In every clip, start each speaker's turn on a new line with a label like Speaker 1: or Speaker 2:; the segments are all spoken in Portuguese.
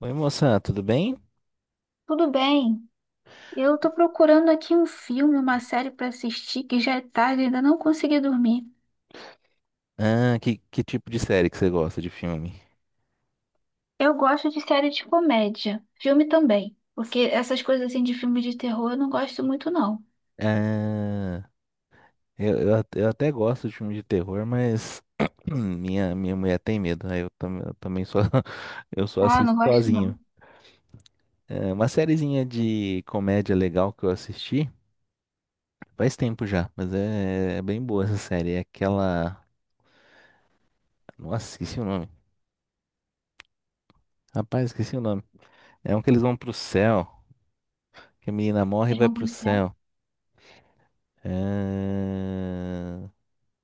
Speaker 1: Oi, moça, tudo bem?
Speaker 2: Tudo bem. Eu tô procurando aqui um filme, uma série pra assistir, que já é tarde e ainda não consegui dormir.
Speaker 1: Ah, que tipo de série que você gosta de filme?
Speaker 2: Eu gosto de série de comédia, filme também, porque essas coisas assim de filme de terror eu não gosto muito não.
Speaker 1: Ah, eu até gosto de filme de terror, mas minha mulher tem medo, aí eu também só, eu só
Speaker 2: Ah, não
Speaker 1: assisto
Speaker 2: gosto não.
Speaker 1: sozinho. É uma sériezinha de comédia legal que eu assisti faz tempo já, mas é bem boa essa série. É aquela. Nossa, esqueci o nome. Rapaz, esqueci o nome. É um que eles vão pro céu, que a menina morre e
Speaker 2: Eles
Speaker 1: vai
Speaker 2: vão
Speaker 1: pro
Speaker 2: pro céu.
Speaker 1: céu. É...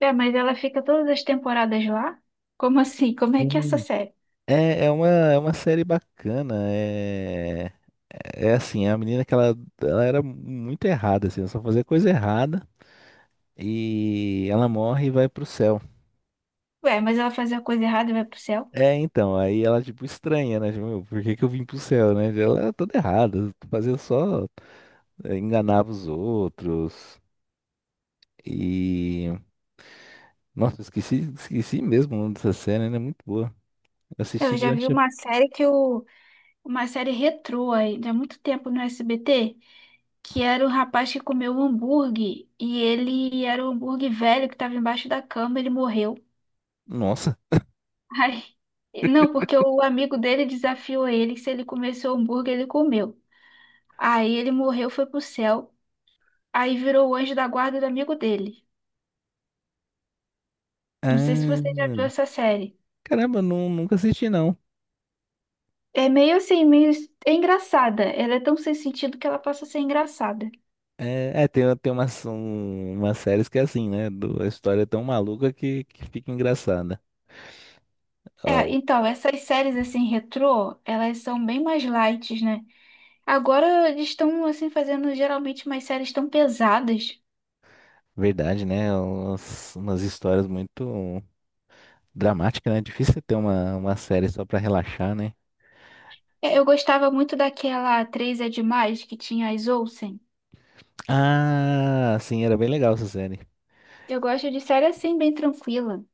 Speaker 2: É, mas ela fica todas as temporadas lá? Como assim? Como é que é essa série?
Speaker 1: É uma série bacana. É assim, a menina que ela era muito errada, assim, ela só fazia coisa errada e ela morre e vai pro céu.
Speaker 2: Ué, mas ela fazia a coisa errada e vai pro céu?
Speaker 1: É, então, aí ela tipo estranha, né? Tipo, "Meu, por que que eu vim pro céu, né? Ela era toda errada, fazia só, enganava os outros. E nossa, esqueci mesmo o nome dessa série, né? Muito boa. Eu
Speaker 2: Eu
Speaker 1: assisti
Speaker 2: já vi
Speaker 1: durante a...
Speaker 2: uma série que o uma série retrô aí, há muito tempo no SBT, que era o rapaz que comeu o hambúrguer e ele era o hambúrguer velho que estava embaixo da cama, ele morreu.
Speaker 1: Nossa.
Speaker 2: Ai, não, porque o amigo dele desafiou ele que se ele comesse o hambúrguer, ele comeu. Aí ele morreu, foi pro céu, aí virou o anjo da guarda do amigo dele. Não sei se
Speaker 1: Ah,
Speaker 2: você já viu essa série.
Speaker 1: caramba, não, nunca assisti não.
Speaker 2: É meio assim, meio... É engraçada. Ela é tão sem sentido que ela passa a ser engraçada.
Speaker 1: É, tem umas séries que é assim, né? A história é tão maluca que fica engraçada.
Speaker 2: É,
Speaker 1: Ó,
Speaker 2: então, essas séries assim, retrô, elas são bem mais light, né? Agora eles estão assim fazendo geralmente umas séries tão pesadas.
Speaker 1: verdade, né? Umas histórias muito dramáticas, né? É difícil você ter uma série só pra relaxar, né?
Speaker 2: É, eu gostava muito daquela Três é Demais que tinha as Olsen.
Speaker 1: Ah, sim, era bem legal essa série.
Speaker 2: Eu gosto de série assim bem tranquila,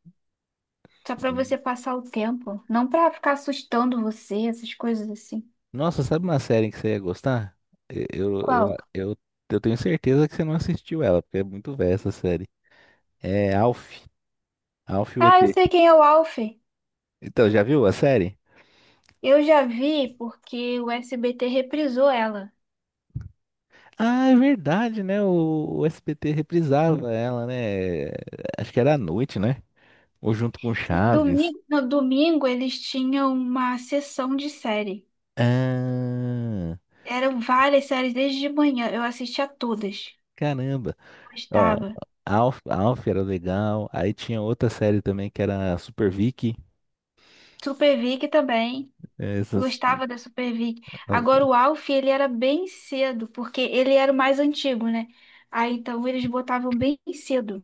Speaker 2: só pra você passar o tempo, não pra ficar assustando você, essas coisas assim.
Speaker 1: Nossa, sabe uma série que você ia gostar? E- Eu, eu,
Speaker 2: Qual?
Speaker 1: eu, eu tenho certeza que você não assistiu ela, porque é muito velha essa série. É Alf, Alf e o
Speaker 2: Ah, eu
Speaker 1: ET.
Speaker 2: sei quem é o Alf.
Speaker 1: Então, já viu a série?
Speaker 2: Eu já vi porque o SBT reprisou ela.
Speaker 1: Ah, é verdade, né? O SBT reprisava ela, né? Acho que era à noite, né? Ou junto com
Speaker 2: E
Speaker 1: Chaves.
Speaker 2: domingo, no domingo eles tinham uma sessão de série.
Speaker 1: Ah,
Speaker 2: Eram várias séries desde de manhã, eu assistia todas.
Speaker 1: caramba. Ó,
Speaker 2: Gostava.
Speaker 1: Alf, Alf era legal. Aí tinha outra série também que era Super Vicky.
Speaker 2: Super Vic também. Eu
Speaker 1: Essas,
Speaker 2: gostava da Super Vic. Agora
Speaker 1: as-
Speaker 2: o Alf, ele era bem cedo, porque ele era o mais antigo, né? Aí então eles botavam bem cedo.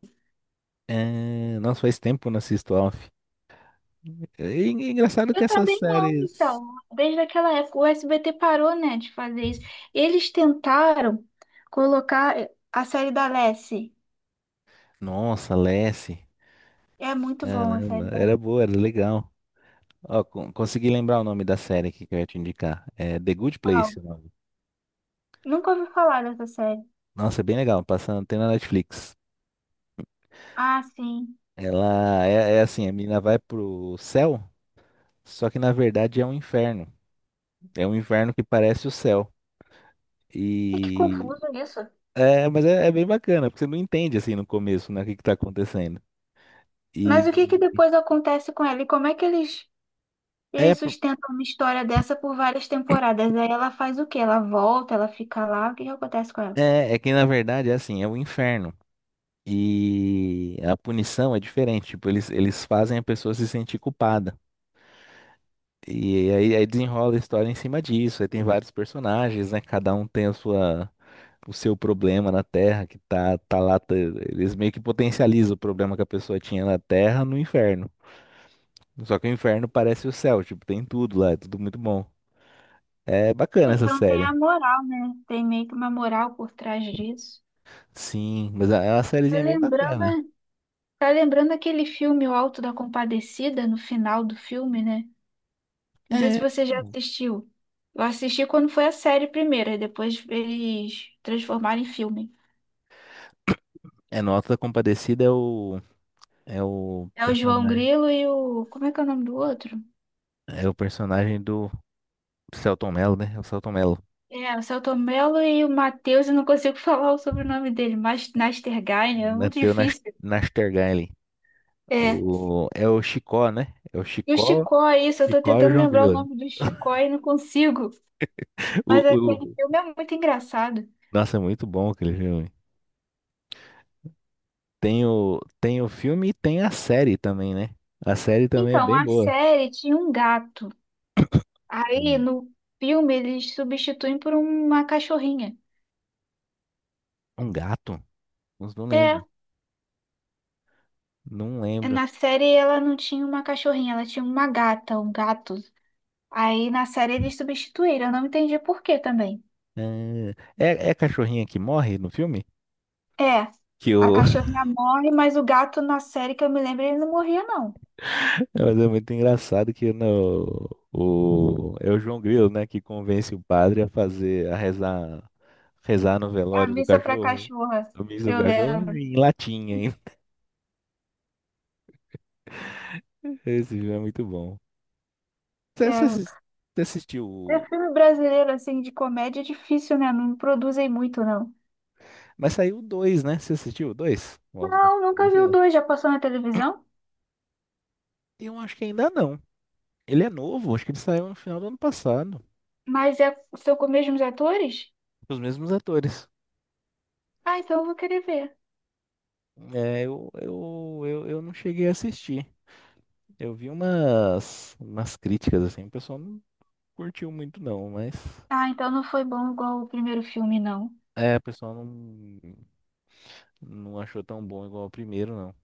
Speaker 1: Nossa, faz tempo que eu não assisto Alf. E engraçado que
Speaker 2: Eu
Speaker 1: essas
Speaker 2: também não,
Speaker 1: séries.
Speaker 2: então. Desde aquela época, o SBT parou, né, de fazer isso. Eles tentaram colocar a série da Lassie.
Speaker 1: Nossa, Lassie.
Speaker 2: É muito bom a
Speaker 1: Caramba,
Speaker 2: série da
Speaker 1: era
Speaker 2: Lassie.
Speaker 1: boa, era legal. Ó, consegui lembrar o nome da série aqui que eu ia te indicar. É The Good Place.
Speaker 2: Uau, nunca ouvi falar dessa série.
Speaker 1: Nossa, é bem legal. Passando, tem na Netflix.
Speaker 2: Ah, sim.
Speaker 1: Ela é assim, a menina vai pro céu, só que na verdade é um inferno. É um inferno que parece o céu.
Speaker 2: É que
Speaker 1: E
Speaker 2: confuso isso.
Speaker 1: mas é bem bacana, porque você não entende assim no começo, né, o que que tá acontecendo.
Speaker 2: Mas
Speaker 1: E
Speaker 2: o que que depois acontece com ela? E como é que eles
Speaker 1: é,
Speaker 2: eles
Speaker 1: por-
Speaker 2: sustentam uma história dessa por várias temporadas. Aí ela faz o quê? Ela volta, ela fica lá. O que que acontece com ela?
Speaker 1: é que na verdade é assim, é o inferno. E a punição é diferente, tipo, eles fazem a pessoa se sentir culpada. E aí desenrola a história em cima disso. Aí tem vários personagens, né? Cada um tem a sua, o seu problema na Terra, que tá lá. Eles meio que potencializam o problema que a pessoa tinha na Terra no inferno. Só que o inferno parece o céu, tipo, tem tudo lá, é tudo muito bom. É bacana essa
Speaker 2: Então tem a
Speaker 1: série.
Speaker 2: moral, né? Tem meio que uma moral por trás disso.
Speaker 1: Sim, mas é uma
Speaker 2: Tá
Speaker 1: sériezinha bem
Speaker 2: lembrando,
Speaker 1: bacana.
Speaker 2: né? Tá lembrando aquele filme O Alto da Compadecida, no final do filme, né? Não sei se
Speaker 1: É.
Speaker 2: você já assistiu. Eu assisti quando foi a série primeiro, e depois eles transformaram em filme.
Speaker 1: É Nota Compadecida é o. É o
Speaker 2: É o João
Speaker 1: personagem.
Speaker 2: Grilo e o. Como é que é o nome do outro?
Speaker 1: É o personagem do Selton Mello, né? É o Selton Mello.
Speaker 2: É, o Celto Mello e o Matheus, eu não consigo falar o sobrenome dele, mas Nastergain é muito
Speaker 1: Mateu Nas-
Speaker 2: difícil.
Speaker 1: Nastergaile.
Speaker 2: É.
Speaker 1: É o Chicó, né? É o
Speaker 2: E o
Speaker 1: Chicó,
Speaker 2: Chicó, é isso, eu tô
Speaker 1: Chicó e o
Speaker 2: tentando
Speaker 1: João
Speaker 2: lembrar o
Speaker 1: Grilo.
Speaker 2: nome do Chicó e não consigo. Mas
Speaker 1: O,
Speaker 2: aquele
Speaker 1: o,
Speaker 2: filme é muito engraçado.
Speaker 1: nossa, é muito bom aquele filme. Tem o filme e tem a série também, né? A série também é
Speaker 2: Então,
Speaker 1: bem
Speaker 2: a
Speaker 1: boa.
Speaker 2: série tinha um gato. Aí,
Speaker 1: Um,
Speaker 2: no filme, eles substituem por uma cachorrinha.
Speaker 1: um gato? Não
Speaker 2: É,
Speaker 1: lembro. Não lembro.
Speaker 2: na série ela não tinha uma cachorrinha, ela tinha uma gata, um gato. Aí, na série, eles substituíram. Eu não entendi por quê também.
Speaker 1: É, é a cachorrinha que morre no filme?
Speaker 2: É,
Speaker 1: Que
Speaker 2: a
Speaker 1: o,
Speaker 2: cachorrinha morre, mas o gato na série que eu me lembro, ele não morria, não.
Speaker 1: Mas é muito engraçado que no, o, é o João Grilo, né, que convence o padre a fazer, a rezar no
Speaker 2: A
Speaker 1: velório do
Speaker 2: Missa pra
Speaker 1: cachorro,
Speaker 2: Cachorra,
Speaker 1: do missa
Speaker 2: eu
Speaker 1: do cachorro,
Speaker 2: lembro.
Speaker 1: em latim ainda. Esse filme é muito bom. Você, você
Speaker 2: É,
Speaker 1: assis- você assistiu?
Speaker 2: é filme brasileiro, assim, de comédia é difícil, né? Não produzem muito, não.
Speaker 1: Mas saiu o dois, né? Você assistiu o dois? O Alto da
Speaker 2: Não, nunca vi o
Speaker 1: Compadecida?
Speaker 2: dois, já passou na televisão?
Speaker 1: Eu acho que ainda não. Ele é novo, acho que ele saiu no final do ano passado,
Speaker 2: Mas é, são com os mesmos atores?
Speaker 1: com os mesmos atores.
Speaker 2: Ah, então eu vou querer ver.
Speaker 1: É, eu não cheguei a assistir. Eu vi umas críticas, assim, o pessoal não curtiu muito não, mas
Speaker 2: Ah, então não foi bom igual o primeiro filme, não.
Speaker 1: o pessoal não achou tão bom igual o primeiro, não.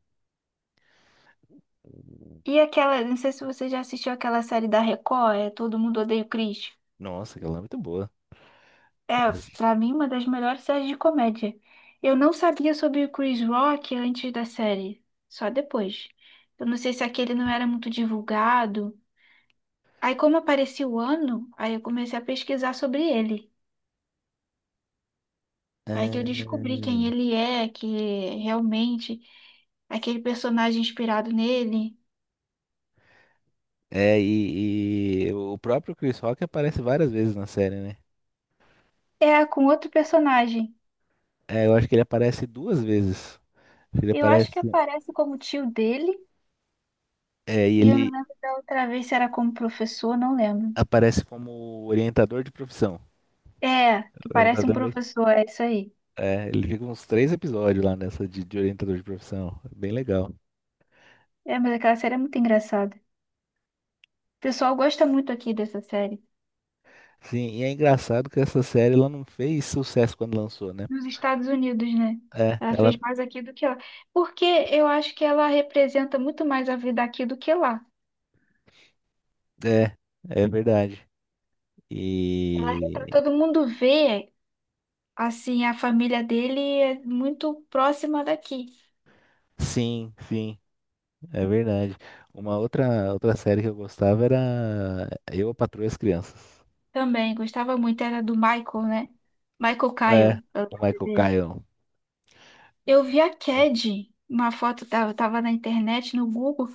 Speaker 2: E aquela, não sei se você já assistiu aquela série da Record, é Todo Mundo Odeia o Chris.
Speaker 1: Nossa, aquela é muito boa.
Speaker 2: É, pra mim, uma das melhores séries de comédia. Eu não sabia sobre o Chris Rock antes da série, só depois. Eu não sei se aquele não era muito divulgado. Aí, como apareceu o ano, aí eu comecei a pesquisar sobre ele. Aí que eu descobri quem
Speaker 1: É,
Speaker 2: ele é, que realmente aquele personagem inspirado nele
Speaker 1: e o próprio Chris Rock aparece várias vezes na série, né?
Speaker 2: é com outro personagem.
Speaker 1: É, eu acho que ele aparece duas vezes. Ele
Speaker 2: Eu acho que
Speaker 1: aparece,
Speaker 2: aparece como tio dele,
Speaker 1: e
Speaker 2: e eu não
Speaker 1: ele
Speaker 2: lembro da outra vez se era como professor, não lembro.
Speaker 1: aparece como orientador de profissão.
Speaker 2: É, que parece um
Speaker 1: Orientador,
Speaker 2: professor, é isso aí.
Speaker 1: ele fica uns três episódios lá nessa de orientador de profissão. Bem legal.
Speaker 2: É, mas aquela série é muito engraçada. O pessoal gosta muito aqui dessa série.
Speaker 1: Sim, e é engraçado que essa série ela não fez sucesso quando lançou, né?
Speaker 2: Nos Estados Unidos, né?
Speaker 1: É,
Speaker 2: Ela
Speaker 1: ela
Speaker 2: fez mais aqui do que lá. Porque eu acho que ela representa muito mais a vida aqui do que lá.
Speaker 1: é, é verdade.
Speaker 2: Ela retrata,
Speaker 1: E
Speaker 2: todo mundo vê, assim, a família dele é muito próxima daqui.
Speaker 1: sim, sim, é verdade. Uma outra série que eu gostava era Eu, a Patroa e as Crianças.
Speaker 2: Também gostava muito, era do Michael, né? Michael
Speaker 1: É,
Speaker 2: Kyle, é o
Speaker 1: o
Speaker 2: nome
Speaker 1: Michael
Speaker 2: dele.
Speaker 1: Caine.
Speaker 2: Eu vi a Cad, uma foto, eu tava na internet, no Google.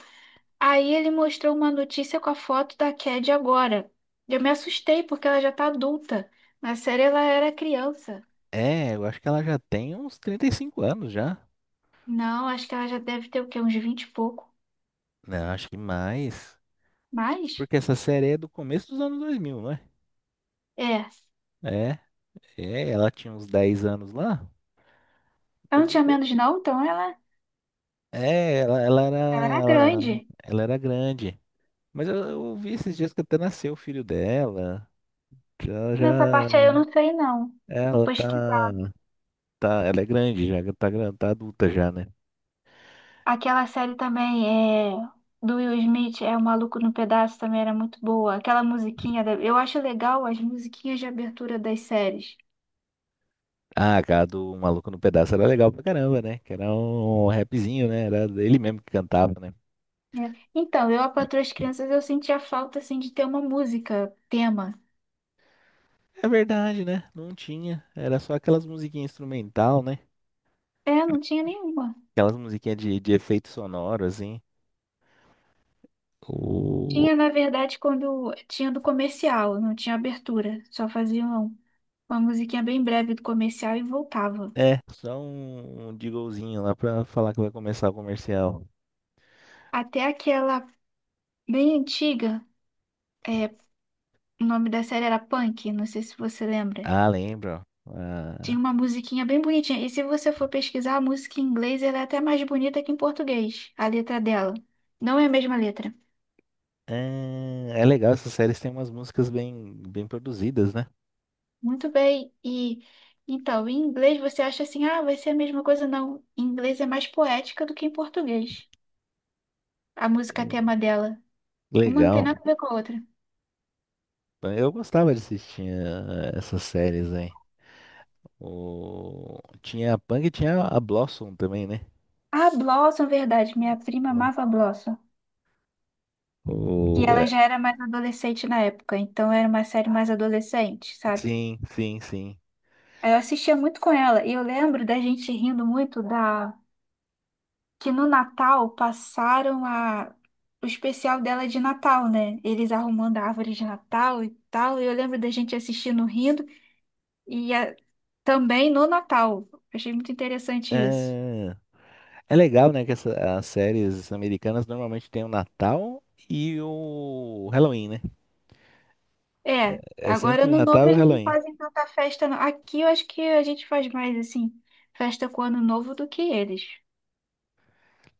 Speaker 2: Aí ele mostrou uma notícia com a foto da Cad agora. Eu me assustei porque ela já tá adulta. Na série ela era criança.
Speaker 1: É, eu acho que ela já tem uns 35 anos já.
Speaker 2: Não, acho que ela já deve ter o quê? Uns 20 e pouco.
Speaker 1: Não, acho que mais.
Speaker 2: Mas,
Speaker 1: Porque essa série é do começo dos anos 2000, não é?
Speaker 2: é.
Speaker 1: É, é, ela tinha uns 10 anos lá.
Speaker 2: Ela não
Speaker 1: Eu,
Speaker 2: tinha menos não, então ela,
Speaker 1: É,
Speaker 2: ela era
Speaker 1: ela
Speaker 2: grande.
Speaker 1: ela era grande. Mas eu vi esses dias que até nasceu o filho dela. Que Ela
Speaker 2: Nessa
Speaker 1: já,
Speaker 2: parte aí eu não sei não.
Speaker 1: é,
Speaker 2: Vou
Speaker 1: ela tá,
Speaker 2: pesquisar.
Speaker 1: tá, ela é grande já, tá adulta já, né?
Speaker 2: Aquela série também é do Will Smith, é O Maluco no Pedaço, também era muito boa. Aquela musiquinha, da- eu acho legal as musiquinhas de abertura das séries.
Speaker 1: Ah, cara, do Maluco no Pedaço era legal pra caramba, né? Que era um rapzinho, né? Era ele mesmo que cantava, né?
Speaker 2: É. Então, eu, a Patroa e as Crianças, eu sentia falta, assim, de ter uma música, tema.
Speaker 1: É verdade, né? Não tinha. Era só aquelas musiquinhas instrumental, né?
Speaker 2: É, não tinha nenhuma.
Speaker 1: Aquelas musiquinhas de efeito sonoro, assim. O...
Speaker 2: Tinha, na verdade, quando tinha do comercial, não tinha abertura. Só faziam uma musiquinha bem breve do comercial e voltava.
Speaker 1: É, só um jinglezinho lá pra falar que vai começar o comercial.
Speaker 2: Até aquela bem antiga, é, o nome da série era Punk, não sei se você lembra.
Speaker 1: Ah, lembro.
Speaker 2: Tinha
Speaker 1: Ah,
Speaker 2: uma musiquinha bem bonitinha. E se você for pesquisar a música em inglês, ela é até mais bonita que em português, a letra dela. Não é a mesma letra.
Speaker 1: é legal, essas séries têm umas músicas bem, bem produzidas, né?
Speaker 2: Muito bem. E então, em inglês você acha assim, ah, vai ser a mesma coisa? Não. Em inglês é mais poética do que em português. A música tema dela. Uma não tem nada
Speaker 1: Legal.
Speaker 2: a ver com a outra.
Speaker 1: Eu gostava de assistir essas séries aí. Tinha a Pang e tinha a Blossom também, né?
Speaker 2: Ah, Blossom, verdade. Minha prima
Speaker 1: Boa.
Speaker 2: amava Blossom. E
Speaker 1: O...
Speaker 2: ela
Speaker 1: é,
Speaker 2: já era mais adolescente na época, então era uma série mais adolescente, sabe?
Speaker 1: Sim, sim, sim.
Speaker 2: Aí eu assistia muito com ela e eu lembro da gente rindo muito da que no Natal passaram a o especial dela de Natal, né? Eles arrumando a árvore de Natal e tal. E eu lembro da gente assistindo rindo e a- também no Natal. Achei muito interessante isso.
Speaker 1: É, é legal, né, que as séries americanas normalmente têm o Natal e o Halloween, né?
Speaker 2: É,
Speaker 1: É sempre
Speaker 2: agora
Speaker 1: o
Speaker 2: no Novo
Speaker 1: Natal e o
Speaker 2: eles não
Speaker 1: Halloween.
Speaker 2: fazem tanta festa, não. Aqui eu acho que a gente faz mais assim, festa com o Ano Novo do que eles.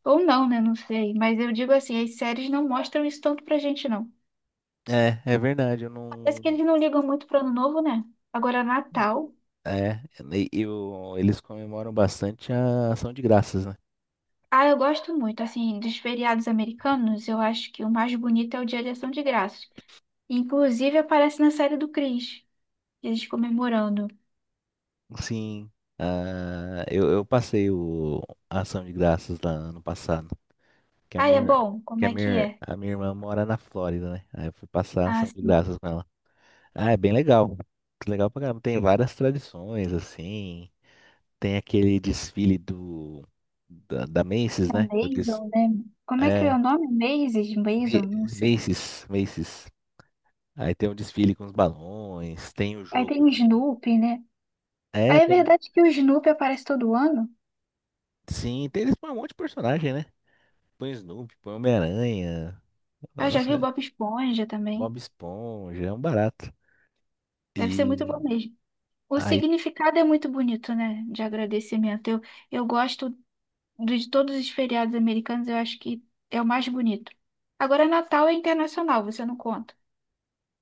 Speaker 2: Ou não, né? Não sei. Mas eu digo assim, as séries não mostram isso tanto pra gente, não.
Speaker 1: É, é verdade, eu
Speaker 2: Parece
Speaker 1: não.
Speaker 2: que eles não ligam muito pro Ano Novo, né? Agora, Natal.
Speaker 1: É, eles comemoram bastante a ação de graças, né?
Speaker 2: Ah, eu gosto muito, assim, dos feriados americanos, eu acho que o mais bonito é o Dia de Ação de Graças. Inclusive aparece na série do Chris, eles comemorando.
Speaker 1: Sim, ah, eu passei a ação de graças lá ano passado, que a
Speaker 2: Ah, é
Speaker 1: minha,
Speaker 2: bom?
Speaker 1: que
Speaker 2: Como
Speaker 1: a
Speaker 2: é que
Speaker 1: minha,
Speaker 2: é?
Speaker 1: a minha irmã mora na Flórida, né? Aí eu fui passar a
Speaker 2: Ah,
Speaker 1: ação de
Speaker 2: sim.
Speaker 1: graças com ela. Ah, é bem legal. Legal pra caramba. Tem várias tradições, assim. Tem aquele desfile da Macy's,
Speaker 2: É
Speaker 1: né? Eu disse,
Speaker 2: Maisel, né? Como é que é
Speaker 1: é,
Speaker 2: o nome? Maisel? Maisel? Não
Speaker 1: Ma-
Speaker 2: sei.
Speaker 1: Macy's, Macy's. Aí tem um desfile com os balões, tem o
Speaker 2: Aí tem
Speaker 1: jogo
Speaker 2: o
Speaker 1: de.
Speaker 2: Snoopy, né?
Speaker 1: É,
Speaker 2: Aí é
Speaker 1: tem um.
Speaker 2: verdade que o Snoopy aparece todo ano?
Speaker 1: Sim, tem, eles põem um monte de personagem, né? Põe o Snoopy, põe o Homem-Aranha,
Speaker 2: Ah, eu já
Speaker 1: nossa,
Speaker 2: vi o Bob Esponja também.
Speaker 1: Bob Esponja, é um barato.
Speaker 2: Deve ser muito
Speaker 1: E
Speaker 2: bom mesmo. O
Speaker 1: aí
Speaker 2: significado é muito bonito, né? De agradecimento. Eu gosto de todos os feriados americanos, eu acho que é o mais bonito. Agora, Natal é internacional, você não conta.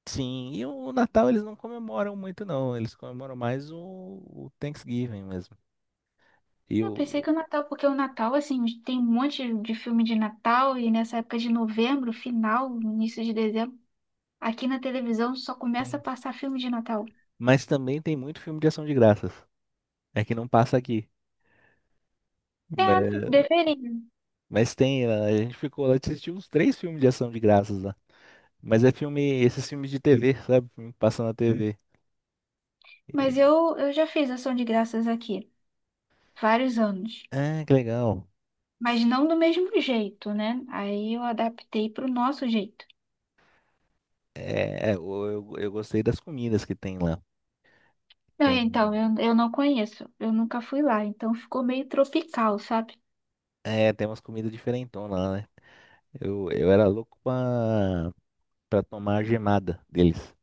Speaker 1: sim, e o Natal eles não comemoram muito, não. Eles comemoram mais o Thanksgiving mesmo. E o.
Speaker 2: Eu pensei que o Natal, porque o Natal, assim, tem um monte de filme de Natal, e nessa época de novembro, final, início de dezembro, aqui na televisão só começa a
Speaker 1: Sim.
Speaker 2: passar filme de Natal.
Speaker 1: Mas também tem muito filme de ação de graças. É que não passa aqui.
Speaker 2: É,
Speaker 1: Mas,
Speaker 2: deveria.
Speaker 1: mas tem, a gente ficou lá, assistiu uns três filmes de ação de graças. Mas é filme, esses filmes de TV, sabe? Filme que passa na TV. E-
Speaker 2: Mas eu já fiz ação de graças aqui, vários anos.
Speaker 1: ah, que legal.
Speaker 2: Mas não do mesmo jeito, né? Aí eu adaptei para o nosso jeito.
Speaker 1: É, eu gostei das comidas que tem lá.
Speaker 2: Não,
Speaker 1: Tem,
Speaker 2: então, eu não conheço. Eu nunca fui lá, então ficou meio tropical, sabe?
Speaker 1: tem umas comidas diferentonas lá, né? Eu era louco pra tomar a gemada deles.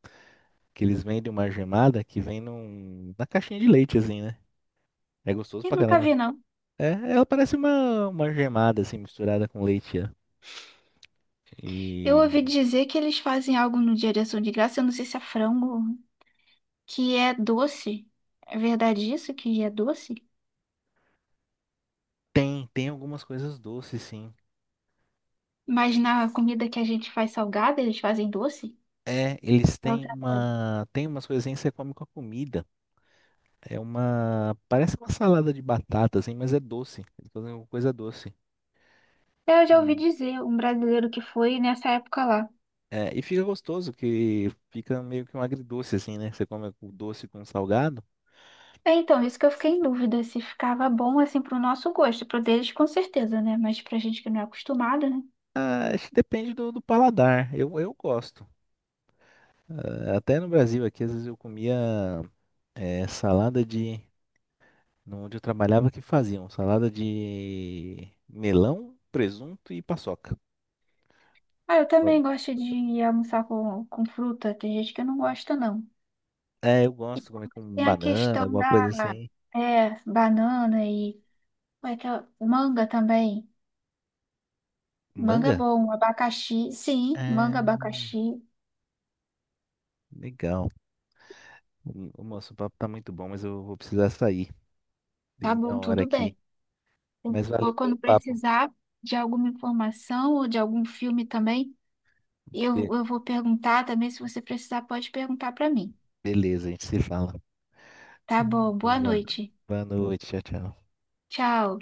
Speaker 1: Que eles vendem uma gemada que vem na caixinha de leite, assim, né? É gostoso
Speaker 2: E
Speaker 1: pra
Speaker 2: nunca
Speaker 1: caramba.
Speaker 2: vi, não.
Speaker 1: É, ela parece uma gemada, assim, misturada com leite, ó.
Speaker 2: Eu
Speaker 1: E
Speaker 2: ouvi dizer que eles fazem algo no Dia de Ação de Graça, eu não sei se é frango, que é doce. É verdade isso, que é doce?
Speaker 1: tem algumas coisas doces, sim.
Speaker 2: Mas na comida que a gente faz salgada, eles fazem doce?
Speaker 1: É, eles
Speaker 2: É
Speaker 1: têm
Speaker 2: outra coisa.
Speaker 1: tem umas coisinhas que você come com a comida. Parece uma salada de batata, assim, mas é doce. Eles fazem uma coisa doce.
Speaker 2: Eu já
Speaker 1: E,
Speaker 2: ouvi dizer, um brasileiro que foi nessa época lá.
Speaker 1: e fica gostoso, que fica meio que um agridoce, assim, né? Você come o doce com o salgado.
Speaker 2: É, então, isso que eu fiquei em dúvida, se ficava bom assim pro nosso gosto, pro deles com certeza, né? Mas pra gente que não é acostumada,
Speaker 1: Ah, acho que depende do paladar. Eu gosto. Ah, até no Brasil aqui, às vezes eu comia salada de, no- onde eu trabalhava, que faziam salada de melão, presunto e paçoca.
Speaker 2: ah, eu também gosto de almoçar com fruta. Tem gente que não gosta, não.
Speaker 1: É, eu
Speaker 2: E
Speaker 1: gosto de comer com
Speaker 2: tem a
Speaker 1: banana,
Speaker 2: questão
Speaker 1: alguma coisa
Speaker 2: da
Speaker 1: assim.
Speaker 2: é, banana e como é que é? Manga também. Manga é
Speaker 1: Manga?
Speaker 2: bom, abacaxi, sim,
Speaker 1: É,
Speaker 2: manga, abacaxi,
Speaker 1: legal. O Moço, o nosso papo tá muito bom, mas eu vou precisar sair. Deu
Speaker 2: tá
Speaker 1: minha
Speaker 2: bom,
Speaker 1: hora
Speaker 2: tudo
Speaker 1: aqui.
Speaker 2: bem. Eu-
Speaker 1: Mas valeu
Speaker 2: ó,
Speaker 1: pelo
Speaker 2: quando
Speaker 1: papo.
Speaker 2: precisar de alguma informação ou de algum filme também,
Speaker 1: Be-
Speaker 2: eu vou perguntar também. Se você precisar, pode perguntar para mim.
Speaker 1: beleza, a gente se fala.
Speaker 2: Tá bom, boa
Speaker 1: Boa,
Speaker 2: noite.
Speaker 1: boa noite, tchau, tchau.
Speaker 2: Tchau.